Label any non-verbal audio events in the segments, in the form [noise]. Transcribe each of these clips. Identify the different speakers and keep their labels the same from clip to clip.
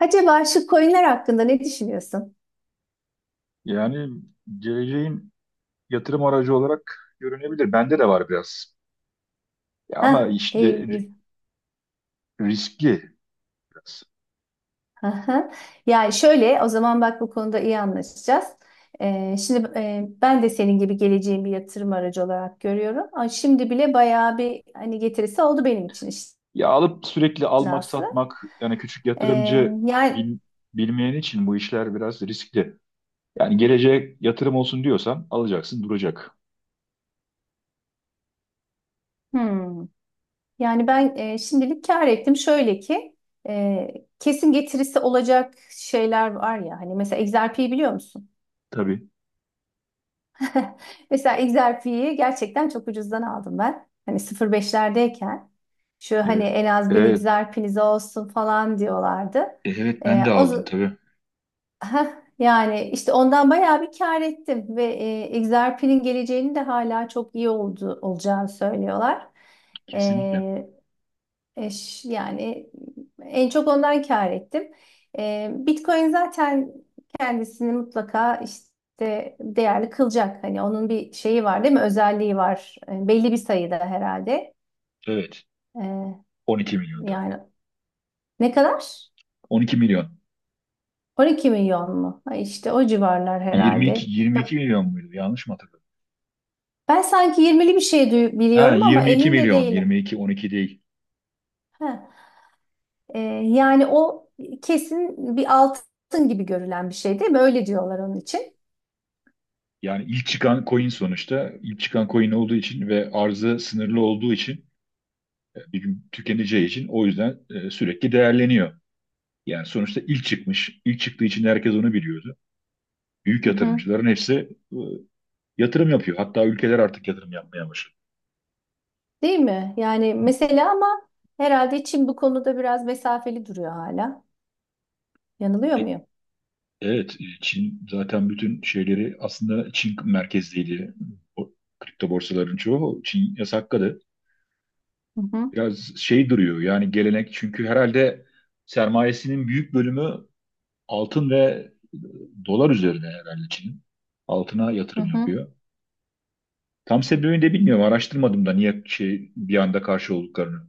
Speaker 1: Acaba şu coinler hakkında ne düşünüyorsun?
Speaker 2: Yani geleceğin yatırım aracı olarak görünebilir. Bende de var biraz. Ya ama
Speaker 1: Hah,
Speaker 2: işte
Speaker 1: iyi.
Speaker 2: riskli biraz.
Speaker 1: Aha. Yani şöyle, o zaman bak bu konuda iyi anlaşacağız. Şimdi ben de senin gibi geleceğin bir yatırım aracı olarak görüyorum. Ama şimdi bile bayağı bir hani getirisi oldu benim için işin
Speaker 2: Ya alıp sürekli almak
Speaker 1: aslı.
Speaker 2: satmak yani küçük
Speaker 1: Ee,
Speaker 2: yatırımcı
Speaker 1: yani
Speaker 2: bil- bilmeyen için bu işler biraz riskli. Yani geleceğe yatırım olsun diyorsan alacaksın duracak.
Speaker 1: hmm. Yani ben şimdilik kâr ettim. Şöyle ki kesin getirisi olacak şeyler var ya. Hani mesela XRP'yi biliyor musun?
Speaker 2: Tabii.
Speaker 1: [laughs] Mesela XRP'yi gerçekten çok ucuzdan aldım ben. Hani 0,5'lerdeyken şu hani
Speaker 2: Evet.
Speaker 1: en az 1.000
Speaker 2: Evet.
Speaker 1: Xerpe'niz olsun falan diyorlardı.
Speaker 2: Evet,
Speaker 1: Ee,
Speaker 2: ben de
Speaker 1: o
Speaker 2: aldım
Speaker 1: z-
Speaker 2: tabii.
Speaker 1: Yani işte ondan bayağı bir kâr ettim ve Xerpe'nin geleceğini de hala çok iyi oldu, olacağını söylüyorlar.
Speaker 2: Kesinlikle.
Speaker 1: Ee, Yani en çok ondan kâr ettim. Bitcoin zaten kendisini mutlaka işte değerli kılacak. Hani onun bir şeyi var değil mi? Özelliği var. Belli bir sayıda herhalde.
Speaker 2: Evet.
Speaker 1: Ee,
Speaker 2: 12 milyonda.
Speaker 1: Yani ne kadar?
Speaker 2: 12 milyon.
Speaker 1: 12 milyon mu? Ha, işte o civarlar
Speaker 2: 22
Speaker 1: herhalde.
Speaker 2: 22
Speaker 1: Ya,
Speaker 2: milyon muydu? Yanlış mı hatırladım?
Speaker 1: ben sanki 20'li bir şey
Speaker 2: Ha,
Speaker 1: biliyorum ama
Speaker 2: 22
Speaker 1: emin de
Speaker 2: milyon.
Speaker 1: değilim.
Speaker 2: 22, 12 değil.
Speaker 1: Ee, Yani o kesin bir altın gibi görülen bir şey değil mi? Öyle diyorlar onun için.
Speaker 2: Yani ilk çıkan coin sonuçta ilk çıkan coin olduğu için ve arzı sınırlı olduğu için bir gün tükeneceği için o yüzden sürekli değerleniyor. Yani sonuçta ilk çıkmış, ilk çıktığı için herkes onu biliyordu. Büyük
Speaker 1: Hı hı.
Speaker 2: yatırımcıların hepsi yatırım yapıyor. Hatta ülkeler artık yatırım yapmaya başladı.
Speaker 1: Değil mi? Yani mesela ama herhalde Çin bu konuda biraz mesafeli duruyor hala. Yanılıyor
Speaker 2: E,
Speaker 1: muyum?
Speaker 2: Evet, Çin zaten bütün şeyleri aslında Çin merkezliydi. O kripto borsaların çoğu Çin yasakladı.
Speaker 1: Hı hı.
Speaker 2: Biraz şey duruyor yani gelenek çünkü herhalde sermayesinin büyük bölümü altın ve dolar üzerine herhalde Çin'in. Altına
Speaker 1: Hı
Speaker 2: yatırım
Speaker 1: hı.
Speaker 2: yapıyor. Tam sebebini de bilmiyorum. Araştırmadım da niye şey bir anda karşı olduklarını.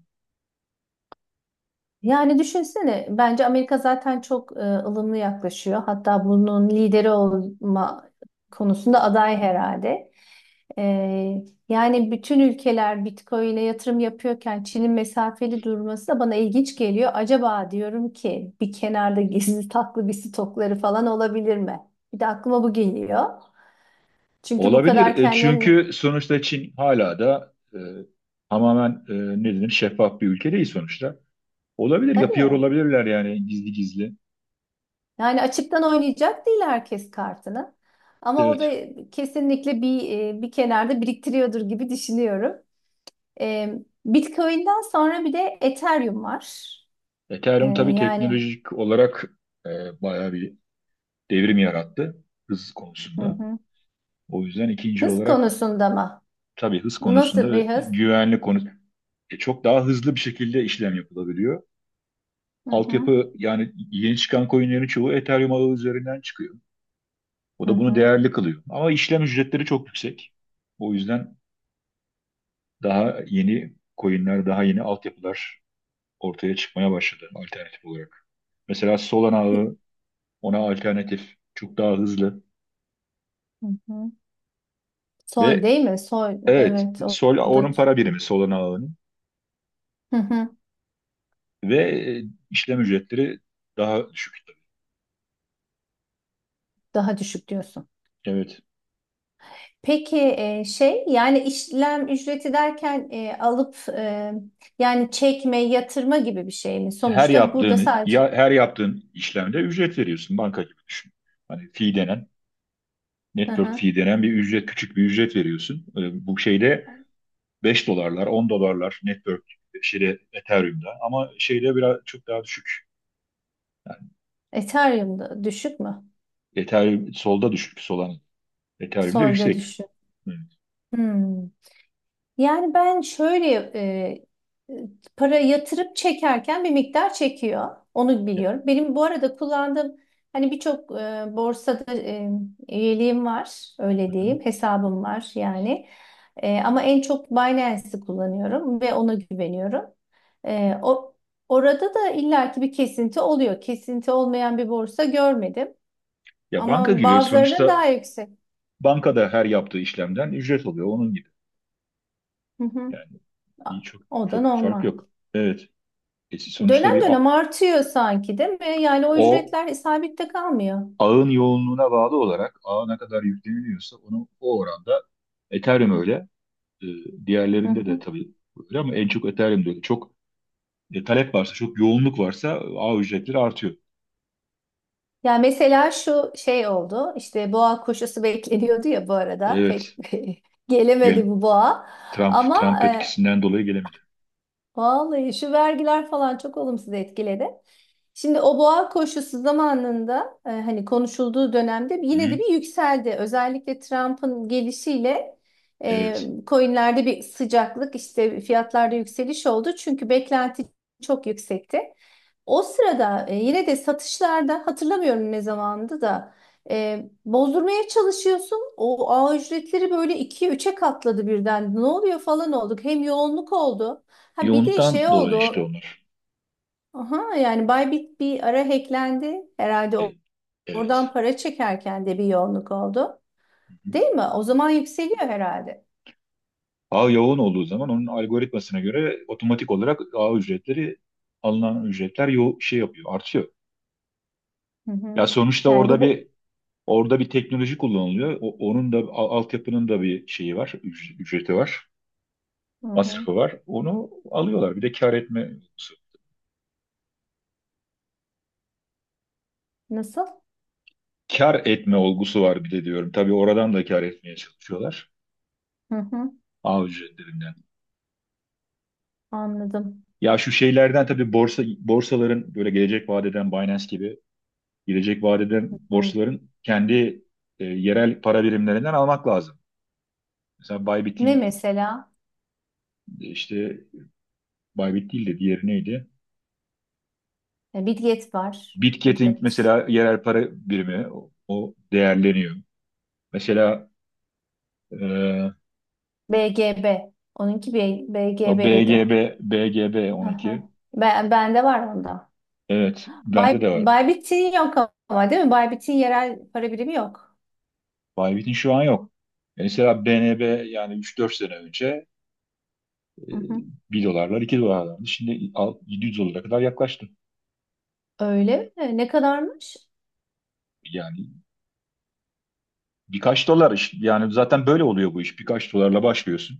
Speaker 1: Yani düşünsene bence Amerika zaten çok ılımlı yaklaşıyor. Hatta bunun lideri olma konusunda aday herhalde. E, Yani bütün ülkeler Bitcoin'e yatırım yapıyorken Çin'in mesafeli durması da bana ilginç geliyor. Acaba diyorum ki bir kenarda gizli taklı bir stokları falan olabilir mi? Bir de aklıma bu geliyor. Çünkü bu
Speaker 2: Olabilir.
Speaker 1: kadar kendilerini...
Speaker 2: Çünkü sonuçta Çin hala da tamamen ne denir şeffaf bir ülke değil sonuçta. Olabilir. Yapıyor
Speaker 1: Tabii.
Speaker 2: olabilirler yani gizli gizli.
Speaker 1: Yani açıktan oynayacak değil herkes kartını. Ama o
Speaker 2: Evet.
Speaker 1: da kesinlikle bir kenarda biriktiriyordur gibi düşünüyorum. E, Bitcoin'den sonra bir de Ethereum var. E,
Speaker 2: Ethereum tabii
Speaker 1: yani
Speaker 2: teknolojik olarak e, bayağı bir devrim yarattı hız
Speaker 1: hı
Speaker 2: konusunda.
Speaker 1: hı.
Speaker 2: O yüzden ikinci
Speaker 1: Hız
Speaker 2: olarak
Speaker 1: konusunda mı?
Speaker 2: tabii hız
Speaker 1: Nasıl
Speaker 2: konusunda
Speaker 1: bir
Speaker 2: ve
Speaker 1: hız?
Speaker 2: güvenlik konusunda çok daha hızlı bir şekilde işlem yapılabiliyor.
Speaker 1: Hı hı.
Speaker 2: Altyapı yani yeni çıkan coinlerin çoğu Ethereum ağı üzerinden çıkıyor. O
Speaker 1: Hı
Speaker 2: da bunu
Speaker 1: hı.
Speaker 2: değerli kılıyor. Ama işlem ücretleri çok yüksek. O yüzden daha yeni coinler, daha yeni altyapılar ortaya çıkmaya başladı alternatif olarak. Mesela Solana ağı ona alternatif, çok daha hızlı
Speaker 1: Hı hı. Sol
Speaker 2: ve
Speaker 1: değil mi? Sol.
Speaker 2: evet,
Speaker 1: Evet. O,
Speaker 2: Sol
Speaker 1: o da
Speaker 2: onun para birimi Solana ağının
Speaker 1: hı hı.
Speaker 2: ve e, işlem ücretleri daha düşük.
Speaker 1: Daha düşük diyorsun.
Speaker 2: Evet.
Speaker 1: Peki şey yani işlem ücreti derken alıp yani çekme, yatırma gibi bir şey mi? Sonuçta burada sadece
Speaker 2: Her yaptığın işlemde ücret veriyorsun, banka gibi düşün. Hani fee denen,
Speaker 1: hı
Speaker 2: network
Speaker 1: hı.
Speaker 2: fee denen bir ücret küçük bir ücret veriyorsun. Bu şeyde 5 dolarlar 10 dolarlar network şeyde Ethereum'da ama şeyde biraz çok daha düşük. Yani
Speaker 1: Ethereum'da düşük mü?
Speaker 2: Ethereum solda düşük Solana. Ethereum'da
Speaker 1: Sol'da
Speaker 2: yüksek.
Speaker 1: düşük.
Speaker 2: Evet.
Speaker 1: Hmm. Yani ben şöyle para yatırıp çekerken bir miktar çekiyor. Onu
Speaker 2: Ya,
Speaker 1: biliyorum. Benim bu arada kullandığım hani birçok borsada üyeliğim var. Öyle diyeyim. Hesabım var yani. Ama en çok Binance'i kullanıyorum ve ona güveniyorum. E, o Orada da illaki bir kesinti oluyor. Kesinti olmayan bir borsa görmedim.
Speaker 2: ya banka
Speaker 1: Ama
Speaker 2: gibi
Speaker 1: bazılarının
Speaker 2: sonuçta
Speaker 1: daha yüksek.
Speaker 2: bankada her yaptığı işlemden ücret alıyor onun gibi.
Speaker 1: Hı hı.
Speaker 2: Yani bir çok
Speaker 1: O da
Speaker 2: çok bir fark
Speaker 1: normal.
Speaker 2: yok. Evet. Sonuçta
Speaker 1: Dönem dönem artıyor sanki değil mi? Yani o
Speaker 2: o
Speaker 1: ücretler sabit kalmıyor.
Speaker 2: ağın yoğunluğuna bağlı olarak ağa ne kadar yükleniliyorsa onu o oranda Ethereum öyle. e,
Speaker 1: Hı
Speaker 2: Diğerlerinde de
Speaker 1: hı.
Speaker 2: tabii öyle ama en çok Ethereum'de öyle. Çok talep varsa, çok yoğunluk varsa ağ ücretleri artıyor.
Speaker 1: Yani mesela şu şey oldu. İşte boğa koşusu [laughs] bekleniyordu ya bu arada. Pek
Speaker 2: Evet.
Speaker 1: [laughs]
Speaker 2: Gel,
Speaker 1: gelemedi bu boğa.
Speaker 2: Trump
Speaker 1: Ama e,
Speaker 2: etkisinden dolayı gelemedi.
Speaker 1: Vallahi şu vergiler falan çok olumsuz etkiledi. Şimdi o boğa koşusu zamanında hani konuşulduğu dönemde yine de
Speaker 2: Hı-hı.
Speaker 1: bir yükseldi. Özellikle Trump'ın gelişiyle e,
Speaker 2: Evet.
Speaker 1: coinlerde bir sıcaklık işte fiyatlarda yükseliş oldu. Çünkü beklenti çok yüksekti. O sırada yine de satışlarda hatırlamıyorum ne zamandı da bozdurmaya çalışıyorsun. O ağ ücretleri böyle 2 üçe katladı birden. Ne oluyor falan olduk. Hem yoğunluk oldu. Ha bir de şey
Speaker 2: Yoğunluktan
Speaker 1: oldu.
Speaker 2: dolayı işte
Speaker 1: o-
Speaker 2: onlar.
Speaker 1: Aha, yani Bybit bir ara hacklendi. Herhalde
Speaker 2: E,
Speaker 1: oradan
Speaker 2: Evet.
Speaker 1: para çekerken de bir yoğunluk oldu.
Speaker 2: Hı-hı.
Speaker 1: Değil mi? O zaman yükseliyor herhalde.
Speaker 2: Ağ yoğun olduğu zaman onun algoritmasına göre otomatik olarak ağ ücretleri, alınan ücretler şey yapıyor, artıyor.
Speaker 1: Hı hı.
Speaker 2: Ya sonuçta
Speaker 1: Yani bu, bu...
Speaker 2: orada bir teknoloji kullanılıyor. Onun da altyapının da bir şeyi var, ücreti var,
Speaker 1: Hı hı.
Speaker 2: masrafı var. Onu alıyorlar. Bir de kar etme
Speaker 1: Nasıl?
Speaker 2: kar etme olgusu var bir de diyorum. Tabii oradan da kar etmeye çalışıyorlar.
Speaker 1: Hı hı.
Speaker 2: Ağ ücretlerinden.
Speaker 1: Anladım.
Speaker 2: Ya şu şeylerden tabii borsaların, böyle gelecek vadeden, Binance gibi gelecek vadeden
Speaker 1: Hı.
Speaker 2: borsaların kendi yerel para birimlerinden almak lazım. Mesela
Speaker 1: Ne
Speaker 2: Bybit'in
Speaker 1: mesela?
Speaker 2: işte Bybit değil de diğeri neydi?
Speaker 1: E, Bitget var.
Speaker 2: Bitgetting
Speaker 1: Bitget.
Speaker 2: mesela, yerel para birimi o değerleniyor. Mesela e,
Speaker 1: BGB. Onunki
Speaker 2: o
Speaker 1: BGB'ydi.
Speaker 2: BGB
Speaker 1: Hı hı.
Speaker 2: onunki.
Speaker 1: Bende var onda.
Speaker 2: Evet, bende de var.
Speaker 1: Baybit'in yok ama değil mi? Baybit'in yerel para birimi yok.
Speaker 2: Bybit'in şu an yok. Mesela BNB yani üç dört sene önce e,
Speaker 1: Hı hı.
Speaker 2: 1 dolarlar 2 dolarlardı. Şimdi 700 dolara kadar yaklaştı.
Speaker 1: Öyle mi? Ne kadarmış?
Speaker 2: Yani birkaç dolar yani zaten böyle oluyor bu iş. Birkaç dolarla başlıyorsun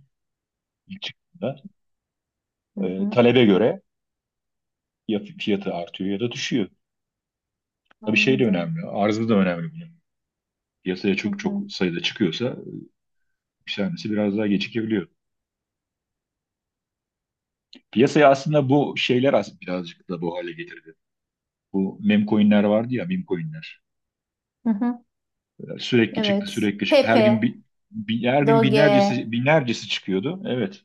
Speaker 2: ilk çıktığında.
Speaker 1: Hı hı.
Speaker 2: Talebe göre ya fiyatı artıyor ya da düşüyor. Tabii şey de
Speaker 1: Anladım.
Speaker 2: önemli. Arzı da önemli, piyasaya
Speaker 1: Hı
Speaker 2: çok
Speaker 1: hı.
Speaker 2: çok sayıda çıkıyorsa yükselmesi biraz daha gecikebiliyor. Piyasaya aslında bu şeyler birazcık da bu hale getirdi. Bu meme coinler vardı ya, meme coinler.
Speaker 1: Hı hı.
Speaker 2: Sürekli çıktı
Speaker 1: Evet.
Speaker 2: sürekli çıktı. Her gün
Speaker 1: Pepe,
Speaker 2: her gün
Speaker 1: Doge,
Speaker 2: binlercesi binlercesi çıkıyordu. Evet.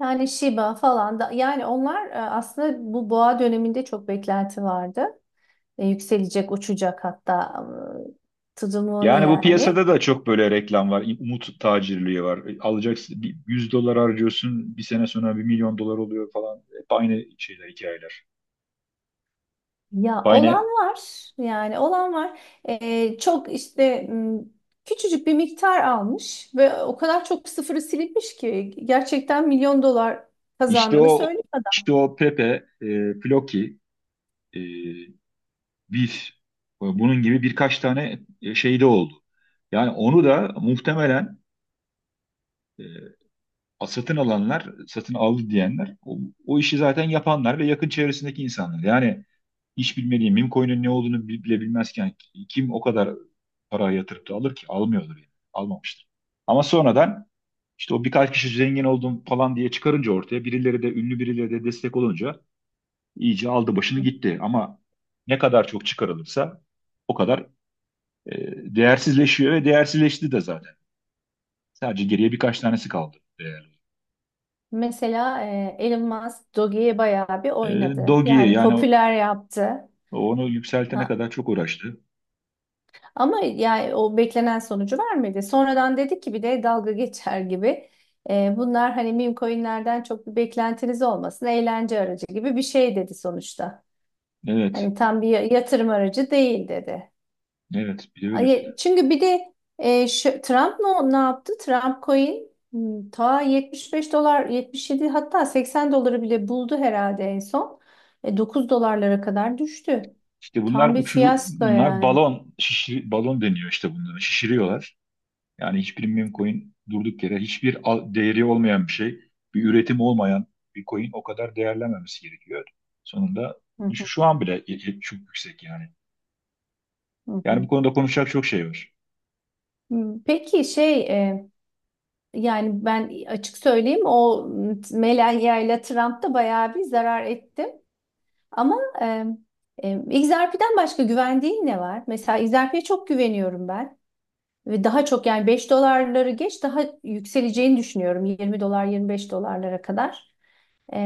Speaker 1: yani Shiba falan da yani onlar aslında bu boğa döneminde çok beklenti vardı. Yükselecek, uçacak hatta tutumunu
Speaker 2: Yani bu
Speaker 1: yani.
Speaker 2: piyasada da çok böyle reklam var. Umut tacirliği var. Alacaksın, bir 100 dolar harcıyorsun. Bir sene sonra 1 milyon dolar oluyor falan. Hep aynı şeyler, hikayeler.
Speaker 1: Ya olan
Speaker 2: Aynı.
Speaker 1: var, yani olan var. Çok işte küçücük bir miktar almış ve o kadar çok sıfırı silinmiş ki gerçekten milyon dolar
Speaker 2: İşte
Speaker 1: kazandığını
Speaker 2: o
Speaker 1: söylüyor adam.
Speaker 2: Pepe, Floki, e, bir bunun gibi birkaç tane şey de oldu. Yani onu da muhtemelen e, satın alanlar, satın aldı diyenler o işi zaten yapanlar ve yakın çevresindeki insanlar. Yani hiç bilmediği meme coin'in ne olduğunu bile bilmezken kim o kadar para yatırıp da alır ki? Almıyordur yani. Almamıştır. Ama sonradan işte o birkaç kişi zengin oldum falan diye çıkarınca ortaya, birileri de, ünlü birileri de destek olunca iyice aldı başını gitti. Ama ne kadar çok çıkarılırsa o kadar E, değersizleşiyor ve değersizleşti de zaten. Sadece geriye birkaç tanesi kaldı değerli.
Speaker 1: Mesela Elon Musk Doge'ye bayağı bir
Speaker 2: E,
Speaker 1: oynadı
Speaker 2: Dogi'ye
Speaker 1: yani
Speaker 2: yani
Speaker 1: popüler yaptı.
Speaker 2: onu yükseltene kadar çok uğraştı.
Speaker 1: Ama yani o beklenen sonucu vermedi. Sonradan dedik ki bir de dalga geçer gibi. Bunlar hani meme coinlerden çok bir beklentiniz olmasın. Eğlence aracı gibi bir şey dedi sonuçta.
Speaker 2: Evet,
Speaker 1: Hani tam bir yatırım aracı değil dedi.
Speaker 2: evet bir de öyle dedi.
Speaker 1: Çünkü bir de Trump ne yaptı? Trump coin ta 75 dolar 77 hatta 80 doları bile buldu herhalde en son. 9 dolarlara kadar düştü.
Speaker 2: İşte bunlar
Speaker 1: Tam bir
Speaker 2: uçuru,
Speaker 1: fiyasko
Speaker 2: bunlar
Speaker 1: yani.
Speaker 2: balon, şişir, balon deniyor işte bunlara. Şişiriyorlar. Yani hiçbir meme coin durduk yere, hiçbir değeri olmayan bir şey, bir üretim olmayan bir coin o kadar değerlenmemesi gerekiyor. Sonunda
Speaker 1: Hı
Speaker 2: şu,
Speaker 1: hı,
Speaker 2: şu an bile çok yüksek yani.
Speaker 1: hı
Speaker 2: Yani bu
Speaker 1: hı.
Speaker 2: konuda konuşacak çok şey var.
Speaker 1: Hmm, peki şey yani ben açık söyleyeyim o Melania ile Trump da bayağı bir zarar etti. Ama e, XRP'den başka güvendiğin ne var? Mesela XRP'ye çok güveniyorum ben. Ve daha çok yani 5 doları geç daha yükseleceğini düşünüyorum. 20 dolar 25 dolarlara kadar.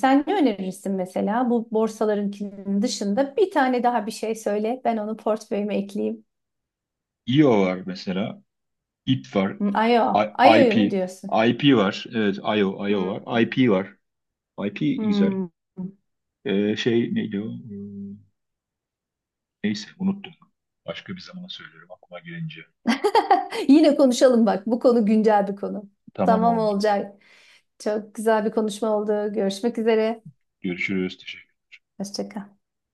Speaker 1: Sen ne önerirsin mesela bu borsalarınkinin dışında bir tane daha bir şey söyle. Ben onu portföyüme ekleyeyim.
Speaker 2: IO var mesela. IP var.
Speaker 1: Hı, Ayo,
Speaker 2: I-
Speaker 1: ayoyu
Speaker 2: IP.
Speaker 1: mu diyorsun?
Speaker 2: IP var. Evet, IO
Speaker 1: Hmm.
Speaker 2: var. IP var. IP güzel.
Speaker 1: Hmm.
Speaker 2: Şey neydi o? Neyse unuttum. Başka bir zaman söylerim aklıma gelince.
Speaker 1: [laughs] Yine konuşalım bak. Bu konu güncel bir konu.
Speaker 2: Tamam
Speaker 1: Tamam
Speaker 2: oldu.
Speaker 1: olacak. Çok güzel bir konuşma oldu. Görüşmek üzere.
Speaker 2: Görüşürüz. Teşekkür
Speaker 1: Hoşça kal.